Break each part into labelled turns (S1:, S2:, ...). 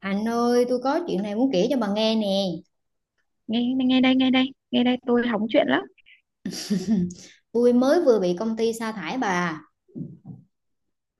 S1: Anh ơi, tôi có chuyện này muốn kể cho bà nghe nè.
S2: Nghe, nghe đây, nghe đây, nghe đây, tôi hóng chuyện lắm.
S1: Tôi mới vừa bị công ty sa thải bà.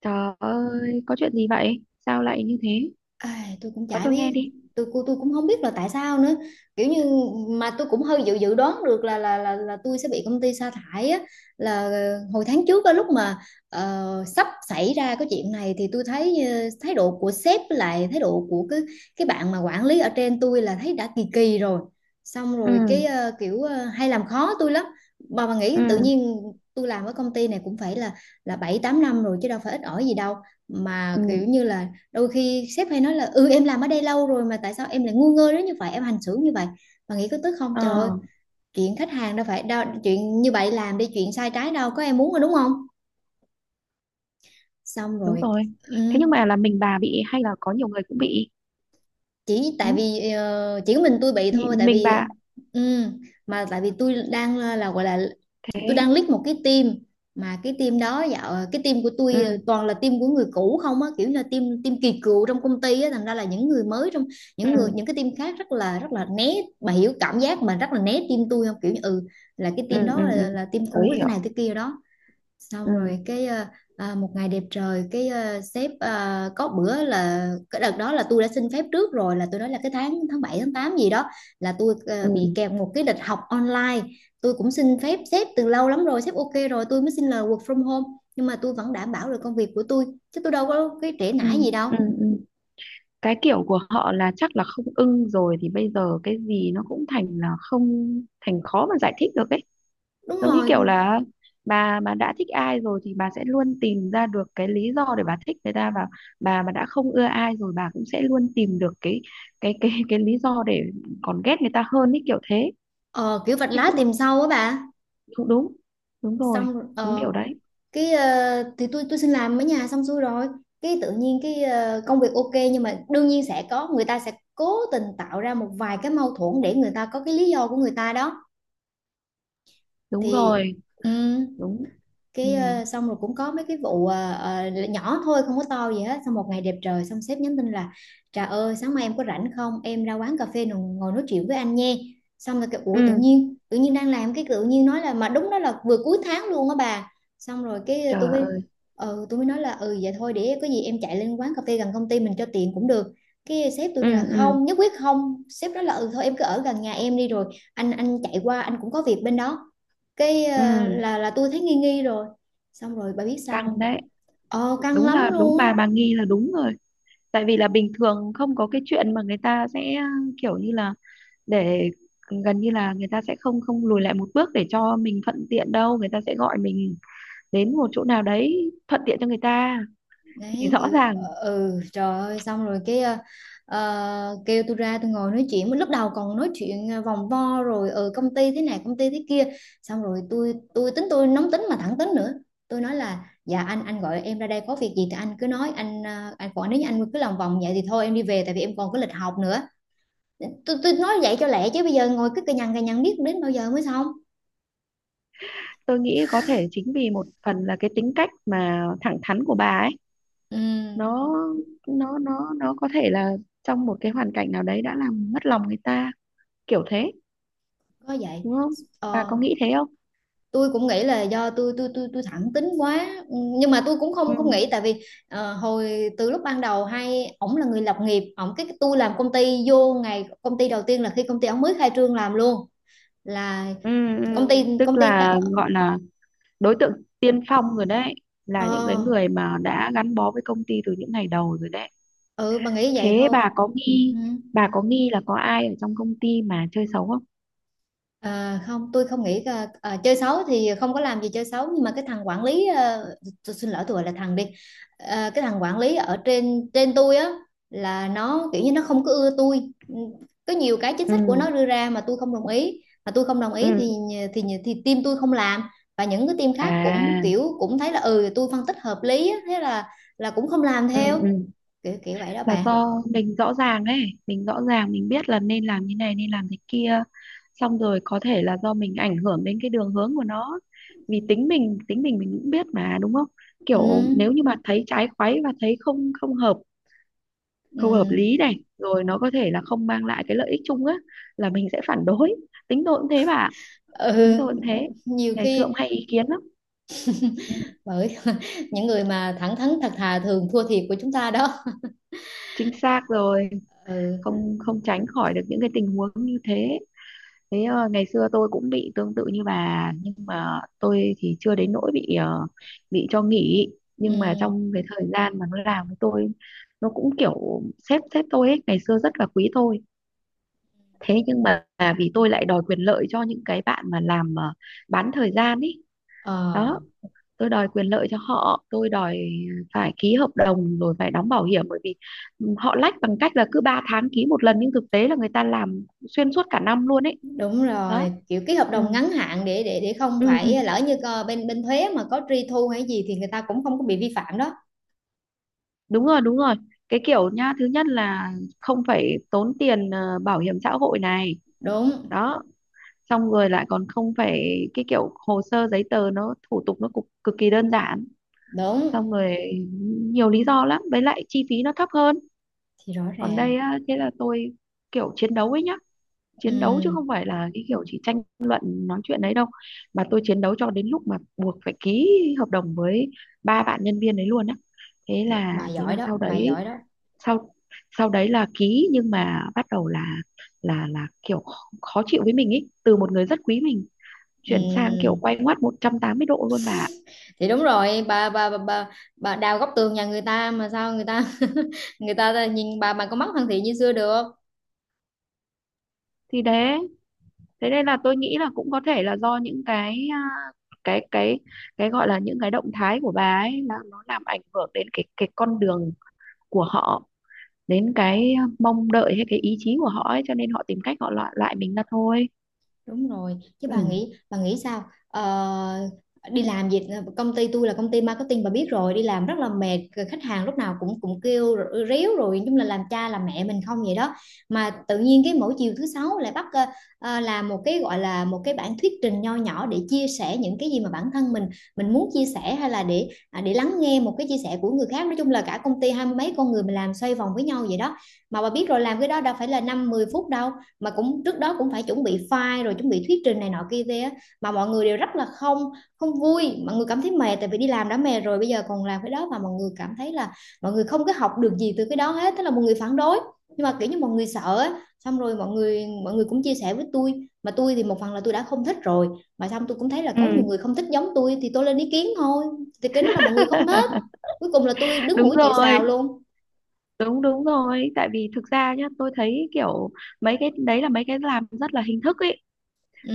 S2: Trời ơi, có chuyện gì vậy? Sao lại như thế?
S1: Ai, tôi cũng
S2: Có
S1: chả
S2: tôi nghe
S1: biết.
S2: đi.
S1: Tôi cũng không biết là tại sao nữa, kiểu như, mà tôi cũng hơi dự dự đoán được là tôi sẽ bị công ty sa thải á, là hồi tháng trước á, lúc mà sắp xảy ra cái chuyện này thì tôi thấy thái độ của sếp với lại thái độ của cái bạn mà quản lý ở trên tôi, là thấy đã kỳ kỳ rồi. Xong
S2: ừ
S1: rồi cái hay làm khó tôi lắm. Bà
S2: ừ
S1: nghĩ tự nhiên tôi làm ở công ty này cũng phải là, 7 8 năm rồi chứ đâu phải ít ỏi gì đâu, mà
S2: ừ
S1: kiểu như là đôi khi sếp hay nói là ừ, em làm ở đây lâu rồi mà tại sao em lại ngu ngơ đến như vậy, em hành xử như vậy, mà nghĩ có tức không
S2: ờ
S1: trời ơi. Chuyện khách hàng đâu phải đâu chuyện như vậy làm đi, chuyện sai trái đâu có em muốn rồi đúng không. Xong
S2: Đúng
S1: rồi,
S2: rồi.
S1: ừ,
S2: Thế nhưng mà là mình bà bị hay là có nhiều người cũng bị?
S1: chỉ
S2: Ừ?
S1: tại vì chỉ có mình tôi bị thôi, tại
S2: Mình
S1: vì
S2: bà?
S1: ừ, mà tại vì tôi đang là gọi là, tôi
S2: Thế?
S1: đang lead một cái team, mà cái team đó, dạo cái team của tôi
S2: ừ
S1: toàn là team của người cũ không á, kiểu như là team, kỳ cựu trong công ty á, thành ra là những người mới trong,
S2: ừ
S1: những người, những cái team khác rất là, rất là né. Bà hiểu cảm giác mà rất là né team tôi không, kiểu như ừ, là cái
S2: ừ
S1: team
S2: ừ
S1: đó
S2: ừ
S1: là team
S2: tôi
S1: cũ thế
S2: hiểu.
S1: này thế kia đó. Xong
S2: ừ
S1: rồi cái một ngày đẹp trời cái sếp, có bữa là cái đợt đó là tôi đã xin phép trước rồi, là tôi nói là cái tháng tháng 7 tháng 8 gì đó là tôi bị
S2: ừ
S1: kèm một cái lịch học online. Tôi cũng xin phép sếp từ lâu lắm rồi, sếp ok rồi tôi mới xin lời work from home, nhưng mà tôi vẫn đảm bảo được công việc của tôi, chứ tôi đâu có cái trễ
S2: ừ
S1: nải gì đâu.
S2: ừ ừ Cái kiểu của họ là chắc là không ưng rồi thì bây giờ cái gì nó cũng thành là không, thành khó mà giải thích được ấy.
S1: Đúng
S2: Giống như
S1: rồi,
S2: kiểu là bà đã thích ai rồi thì bà sẽ luôn tìm ra được cái lý do để bà thích người ta, và bà mà đã không ưa ai rồi bà cũng sẽ luôn tìm được cái lý do để còn ghét người ta hơn ý, kiểu thế.
S1: ờ, kiểu vạch
S2: Thế
S1: lá
S2: cũng
S1: tìm sâu á bà.
S2: cũng đúng. Đúng rồi.
S1: Xong rồi-
S2: Đúng
S1: ờ
S2: kiểu đấy.
S1: Cái thì tôi xin làm ở nhà xong xuôi rồi, cái tự nhiên cái công việc ok, nhưng mà đương nhiên sẽ có người ta sẽ cố tình tạo ra một vài cái mâu thuẫn để người ta có cái lý do của người ta đó.
S2: Đúng
S1: Thì
S2: rồi.
S1: ừ,
S2: Đúng. Ừ,
S1: cái xong rồi cũng có mấy cái vụ nhỏ thôi không có to gì hết, xong một ngày đẹp trời, xong sếp nhắn tin là Trà ơi sáng mai em có rảnh không, em ra quán cà phê ngồi, nói chuyện với anh nha. Xong rồi cái, ủa tự
S2: ừ,
S1: nhiên, đang làm cái tự nhiên nói là, mà đúng đó là vừa cuối tháng luôn á bà. Xong rồi cái tôi
S2: trời
S1: mới,
S2: ơi.
S1: ừ tôi mới nói là ừ vậy thôi, để có gì em chạy lên quán cà phê gần công ty mình cho tiện cũng được. Cái sếp tôi
S2: ừ
S1: là
S2: ừ
S1: không, nhất quyết không, sếp nói là ừ thôi em cứ ở gần nhà em đi rồi anh chạy qua, anh cũng có việc bên đó. Cái
S2: ừ
S1: là tôi thấy nghi nghi rồi. Xong rồi bà biết sao
S2: Căng
S1: không.
S2: đấy.
S1: Ờ căng
S2: Đúng là
S1: lắm
S2: đúng,
S1: luôn á.
S2: bà nghi là đúng rồi. Tại vì là bình thường không có cái chuyện mà người ta sẽ kiểu như là để gần như là người ta sẽ không không lùi lại một bước để cho mình thuận tiện đâu, người ta sẽ gọi mình đến một chỗ nào đấy thuận tiện cho người ta thì
S1: Đấy
S2: rõ
S1: kiểu
S2: ràng.
S1: ừ trời ơi, xong rồi cái kêu tôi ra tôi ngồi nói chuyện, lúc đầu còn nói chuyện vòng vo rồi ừ công ty thế này công ty thế kia. Xong rồi tôi tính, tôi nóng tính mà thẳng tính nữa, tôi nói là dạ anh gọi em ra đây có việc gì thì anh cứ nói anh, anh còn nếu như anh cứ lòng vòng vậy thì thôi em đi về, tại vì em còn có lịch học nữa. Tôi nói vậy cho lẹ, chứ bây giờ ngồi cứ cà nhằn biết đến bao giờ mới xong.
S2: Tôi nghĩ có thể chính vì một phần là cái tính cách mà thẳng thắn của bà ấy,
S1: Ừ
S2: nó nó có thể là trong một cái hoàn cảnh nào đấy đã làm mất lòng người ta, kiểu thế.
S1: có vậy.
S2: Đúng không? Bà
S1: ờ,
S2: có nghĩ thế không?
S1: tôi cũng nghĩ là do tôi thẳng tính quá. Ừ, nhưng mà tôi cũng
S2: ừ
S1: không, không nghĩ, tại vì hồi từ lúc ban đầu, hay ổng là người lập nghiệp, ổng cái tôi làm công ty, vô ngày công ty đầu tiên là khi công ty ổng mới khai trương làm luôn, là
S2: ừ ừ.
S1: công ty,
S2: Tức
S1: ta,
S2: là gọi là đối tượng tiên phong rồi đấy, là những cái
S1: ờ,
S2: người mà đã gắn bó với công ty từ những ngày đầu rồi đấy.
S1: ừ bà nghĩ vậy
S2: Thế
S1: thôi.
S2: bà có nghi,
S1: Ừ.
S2: bà có nghi là có ai ở trong công ty mà chơi xấu không?
S1: À, không, tôi không nghĩ, à, chơi xấu thì không có làm gì chơi xấu, nhưng mà cái thằng quản lý, à, tôi xin lỗi tôi gọi là thằng đi. À, cái thằng quản lý ở trên, tôi á, là nó kiểu như nó không có ưa tôi. Ừ, có nhiều cái chính
S2: ừ
S1: sách của nó đưa ra mà tôi không đồng ý, mà tôi không đồng ý thì
S2: ừ
S1: thì team tôi không làm, và những cái team khác cũng
S2: À,
S1: kiểu cũng thấy là ừ tôi phân tích hợp lý á, thế là cũng không làm
S2: ừ
S1: theo,
S2: ừ
S1: kiểu kiểu vậy đó
S2: là
S1: bạn.
S2: do mình rõ ràng ấy, mình rõ ràng mình biết là nên làm như này nên làm thế kia. Xong rồi có thể là do mình ảnh hưởng đến cái đường hướng của nó. Vì tính mình mình cũng biết mà, đúng không?
S1: Ừ,
S2: Kiểu nếu như mà thấy trái khoáy và thấy không không hợp,
S1: ừ,
S2: không hợp lý này, rồi nó có thể là không mang lại cái lợi ích chung á, là mình sẽ phản đối. Tính tôi cũng thế bà ạ.
S1: ừ.
S2: Chính tôi cũng thế.
S1: Nhiều
S2: Ngày xưa cũng
S1: khi
S2: hay ý kiến lắm. Ừ.
S1: bởi những người mà thẳng thắn thật thà thường thua thiệt của chúng ta đó.
S2: Chính xác rồi.
S1: Ừ.
S2: Không không tránh khỏi được những cái tình huống như thế. Thế ngày xưa tôi cũng bị tương tự như bà, nhưng mà tôi thì chưa đến nỗi bị bị cho nghỉ. Nhưng mà
S1: Ừm,
S2: trong cái thời gian mà nó làm với tôi, nó cũng kiểu sếp sếp tôi ấy ngày xưa rất là quý tôi. Thế nhưng mà à, vì tôi lại đòi quyền lợi cho những cái bạn mà làm bán thời gian ấy
S1: ờ,
S2: đó. Tôi đòi quyền lợi cho họ, tôi đòi phải ký hợp đồng rồi phải đóng bảo hiểm, bởi vì họ lách bằng cách là cứ 3 tháng ký một lần nhưng thực tế là người ta làm xuyên suốt cả năm luôn ấy.
S1: đúng
S2: Đó.
S1: rồi, kiểu ký hợp
S2: ừ
S1: đồng ngắn hạn để để không
S2: ừ
S1: phải lỡ như bên, thuế mà có truy thu hay gì thì người ta cũng không có bị vi phạm đó.
S2: đúng rồi, đúng rồi. Cái kiểu nhá, thứ nhất là không phải tốn tiền bảo hiểm xã hội này.
S1: Đúng.
S2: Đó. Xong rồi lại còn không phải cái kiểu hồ sơ giấy tờ nó thủ tục nó cực, cực kỳ đơn giản.
S1: Đúng.
S2: Xong rồi nhiều lý do lắm, với lại chi phí nó thấp hơn.
S1: Thì rõ
S2: Còn
S1: ràng.
S2: đây á, thế là tôi kiểu chiến đấu ấy nhá, chiến đấu chứ
S1: Ừm,
S2: không phải là cái kiểu chỉ tranh luận nói chuyện đấy đâu, mà tôi chiến đấu cho đến lúc mà buộc phải ký hợp đồng với ba bạn nhân viên đấy luôn á. thế
S1: bà
S2: là thế là
S1: giỏi đó,
S2: sau
S1: bà
S2: đấy,
S1: giỏi đó.
S2: sau sau đấy là ký nhưng mà bắt đầu là là kiểu khó khó chịu với mình ý, từ một người rất quý mình chuyển sang kiểu
S1: Ừm,
S2: quay ngoắt 180 độ luôn bà ạ.
S1: thì đúng rồi bà, bà, bà đào góc tường nhà người ta mà sao người ta người ta nhìn bà có mắt thân thiện như xưa được.
S2: Thì đấy, thế nên là tôi nghĩ là cũng có thể là do những cái à, cái cái cái gọi là những cái động thái của bà ấy là nó làm ảnh hưởng đến cái con đường của họ, đến cái à, mong đợi hay cái ý chí của họ ấy, cho nên họ tìm cách họ loại loại mình ra thôi.
S1: Đúng rồi, chứ bà
S2: Ừ.
S1: nghĩ, bà nghĩ sao? Ờ, đi làm gì, công ty tôi là công ty marketing bà biết rồi, đi làm rất là mệt, rồi khách hàng lúc nào cũng, kêu rồi- ríu rồi, nói chung là làm cha làm mẹ mình không vậy đó. Mà tự nhiên cái mỗi chiều thứ sáu lại bắt làm một cái gọi là một cái bản thuyết trình nho nhỏ để chia sẻ những cái gì mà bản thân mình, muốn chia sẻ hay là để à, để lắng nghe một cái chia sẻ của người khác. Nói chung là cả công ty 20 mấy con người mình làm xoay vòng với nhau vậy đó. Mà bà biết rồi làm cái đó đâu phải là 5 10 phút đâu, mà cũng trước đó cũng phải chuẩn bị file rồi chuẩn bị thuyết trình này nọ kia kia á, mà mọi người đều rất là không, vui, mọi người cảm thấy mệt, tại vì đi làm đã mệt rồi bây giờ còn làm cái đó, và mọi người cảm thấy là mọi người không có học được gì từ cái đó hết, thế là mọi người phản đối. Nhưng mà kiểu như mọi người sợ, xong rồi mọi người, cũng chia sẻ với tôi, mà tôi thì một phần là tôi đã không thích rồi, mà xong tôi cũng thấy là
S2: Ừ,
S1: có nhiều người không thích giống tôi thì tôi lên ý kiến thôi. Thì cái đó là mọi người không thích, cuối cùng là tôi đứng
S2: đúng
S1: mũi chịu
S2: rồi,
S1: sào luôn.
S2: đúng, đúng rồi. Tại vì thực ra nhá, tôi thấy kiểu mấy cái đấy là mấy cái làm rất là hình thức ấy.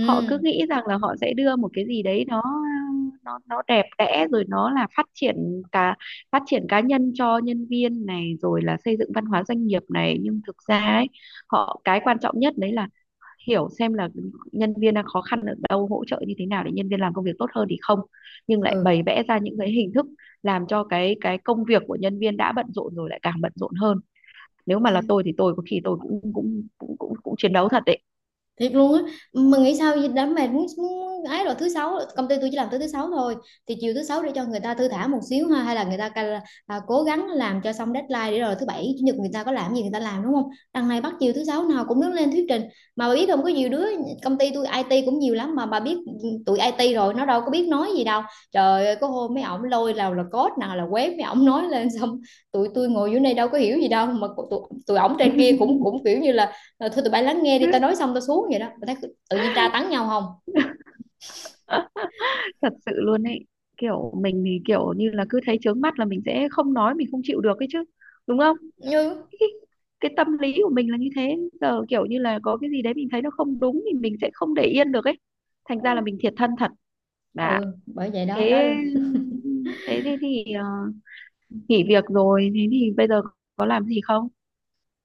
S2: Họ cứ nghĩ rằng là họ sẽ đưa một cái gì đấy nó đẹp đẽ, rồi nó là phát triển cả, phát triển cá nhân cho nhân viên này, rồi là xây dựng văn hóa doanh nghiệp này, nhưng thực ra ấy họ cái quan trọng nhất đấy là hiểu xem là nhân viên đang khó khăn ở đâu, hỗ trợ như thế nào để nhân viên làm công việc tốt hơn thì không, nhưng lại
S1: ừ.
S2: bày vẽ ra những cái hình thức làm cho cái công việc của nhân viên đã bận rộn rồi lại càng bận rộn hơn. Nếu mà là
S1: Thì
S2: tôi thì tôi có khi tôi cũng cũng cũng cũng, cũng chiến đấu thật đấy.
S1: thiệt luôn á, mà nghĩ sao vậy? Đám mệt muốn, muốn ấy, rồi thứ sáu công ty tôi chỉ làm tới thứ sáu thôi, thì chiều thứ sáu để cho người ta thư thả một xíu ha, hay là người ta cố gắng làm cho xong deadline để rồi thứ bảy chủ nhật người ta có làm gì người ta làm đúng không, đằng này bắt chiều thứ sáu nào cũng đứng lên thuyết trình. Mà bà biết không, có nhiều đứa công ty tôi IT cũng nhiều lắm mà bà biết, tụi IT rồi nó đâu có biết nói gì đâu. Trời ơi có hôm mấy ổng lôi nào là code nào là web, mấy ổng nói lên xong tụi tôi ngồi dưới đây đâu có hiểu gì đâu, mà tụi, ổng trên kia cũng, kiểu như là rồi thôi tụi bay lắng nghe đi tao nói xong tao xuống, vậy đó tao thấy tự nhiên tra tấn nhau không.
S2: Thật sự luôn ấy. Kiểu mình thì kiểu như là cứ thấy chướng mắt là mình sẽ không nói, mình không chịu được ấy chứ, đúng không?
S1: Như
S2: cái, Tâm lý của mình là như thế, giờ kiểu như là có cái gì đấy mình thấy nó không đúng thì mình sẽ không để yên được ấy, thành ra là mình thiệt thân thật. Dạ.
S1: ừ, bởi vậy đó đó.
S2: Thế thế thì ờ, nghỉ việc rồi, thế thì bây giờ có làm gì không?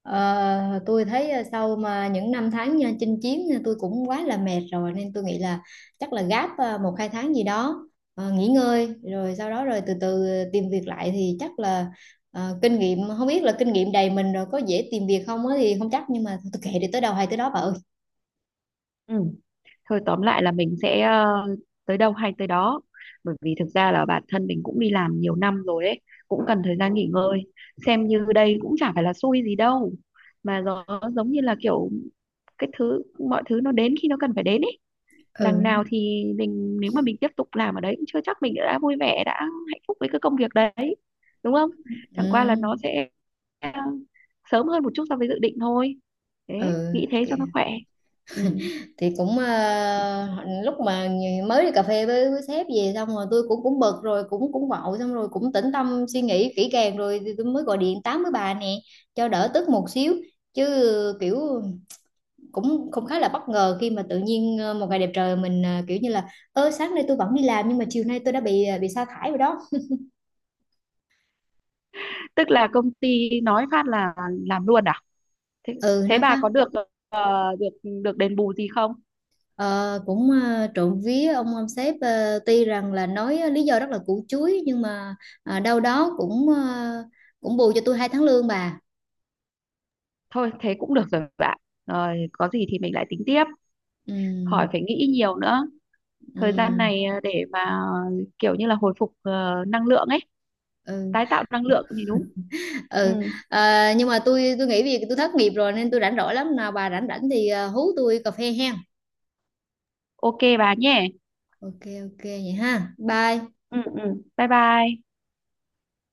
S1: Ờ, tôi thấy sau mà những năm tháng nha, chinh chiến nha, tôi cũng quá là mệt rồi nên tôi nghĩ là chắc là gáp 1 2 tháng gì đó nghỉ ngơi, rồi sau đó rồi từ từ tìm việc lại thì chắc là kinh nghiệm, không biết là kinh nghiệm đầy mình rồi có dễ tìm việc không á thì không chắc, nhưng mà tôi kệ, đi tới đâu hay tới đó bà ơi.
S2: Ừ. Thôi tóm lại là mình sẽ tới đâu hay tới đó, bởi vì thực ra là bản thân mình cũng đi làm nhiều năm rồi đấy, cũng cần thời gian nghỉ ngơi. Xem như đây cũng chả phải là xui gì đâu, mà nó giống như là kiểu cái thứ, mọi thứ nó đến khi nó cần phải đến ấy. Đằng
S1: Ừ
S2: nào thì mình nếu mà mình tiếp tục làm ở đấy cũng chưa chắc mình đã vui vẻ, đã hạnh phúc với cái công việc đấy, đúng không? Chẳng qua là
S1: ừ
S2: nó sẽ ờ, sớm hơn một chút so với dự định thôi. Thế nghĩ
S1: ừ.
S2: thế cho nó khỏe. Ừ.
S1: Thì cũng lúc mà mới đi cà phê với, sếp về, xong rồi tôi cũng, bực rồi cũng, vội, xong rồi cũng tĩnh tâm suy nghĩ kỹ càng rồi thì tôi mới gọi điện tám với bà nè cho đỡ tức một xíu. Chứ kiểu cũng, khá là bất ngờ khi mà tự nhiên một ngày đẹp trời mình, kiểu như là ơ sáng nay tôi vẫn đi làm nhưng mà chiều nay tôi đã bị bị sa thải rồi đó.
S2: Tức là công ty nói phát là làm luôn à? thế,
S1: Ừ
S2: Thế
S1: nói
S2: bà
S1: phá.
S2: có được ờ, được được đền bù gì không?
S1: Ờ, cũng trộm vía ông sếp tuy rằng là nói lý do rất là củ chuối nhưng mà đâu đó cũng cũng bù cho tôi 2 tháng lương bà.
S2: Thôi thế cũng được rồi bạn. Rồi có gì thì mình lại tính tiếp,
S1: Ừ,
S2: khỏi phải nghĩ nhiều nữa. Thời gian
S1: ừ,
S2: này để mà kiểu như là hồi phục năng lượng ấy,
S1: ừ,
S2: tái tạo năng lượng thì đúng. Ừ.
S1: ừ. Ờ, nhưng mà tôi nghĩ vì tôi thất nghiệp rồi nên tôi rảnh rỗi lắm, nào bà rảnh rảnh thì hú tôi cà phê hen.
S2: Ok bà nhé.
S1: Ok ok vậy ha bye.
S2: Ừ, ừ, bye bye.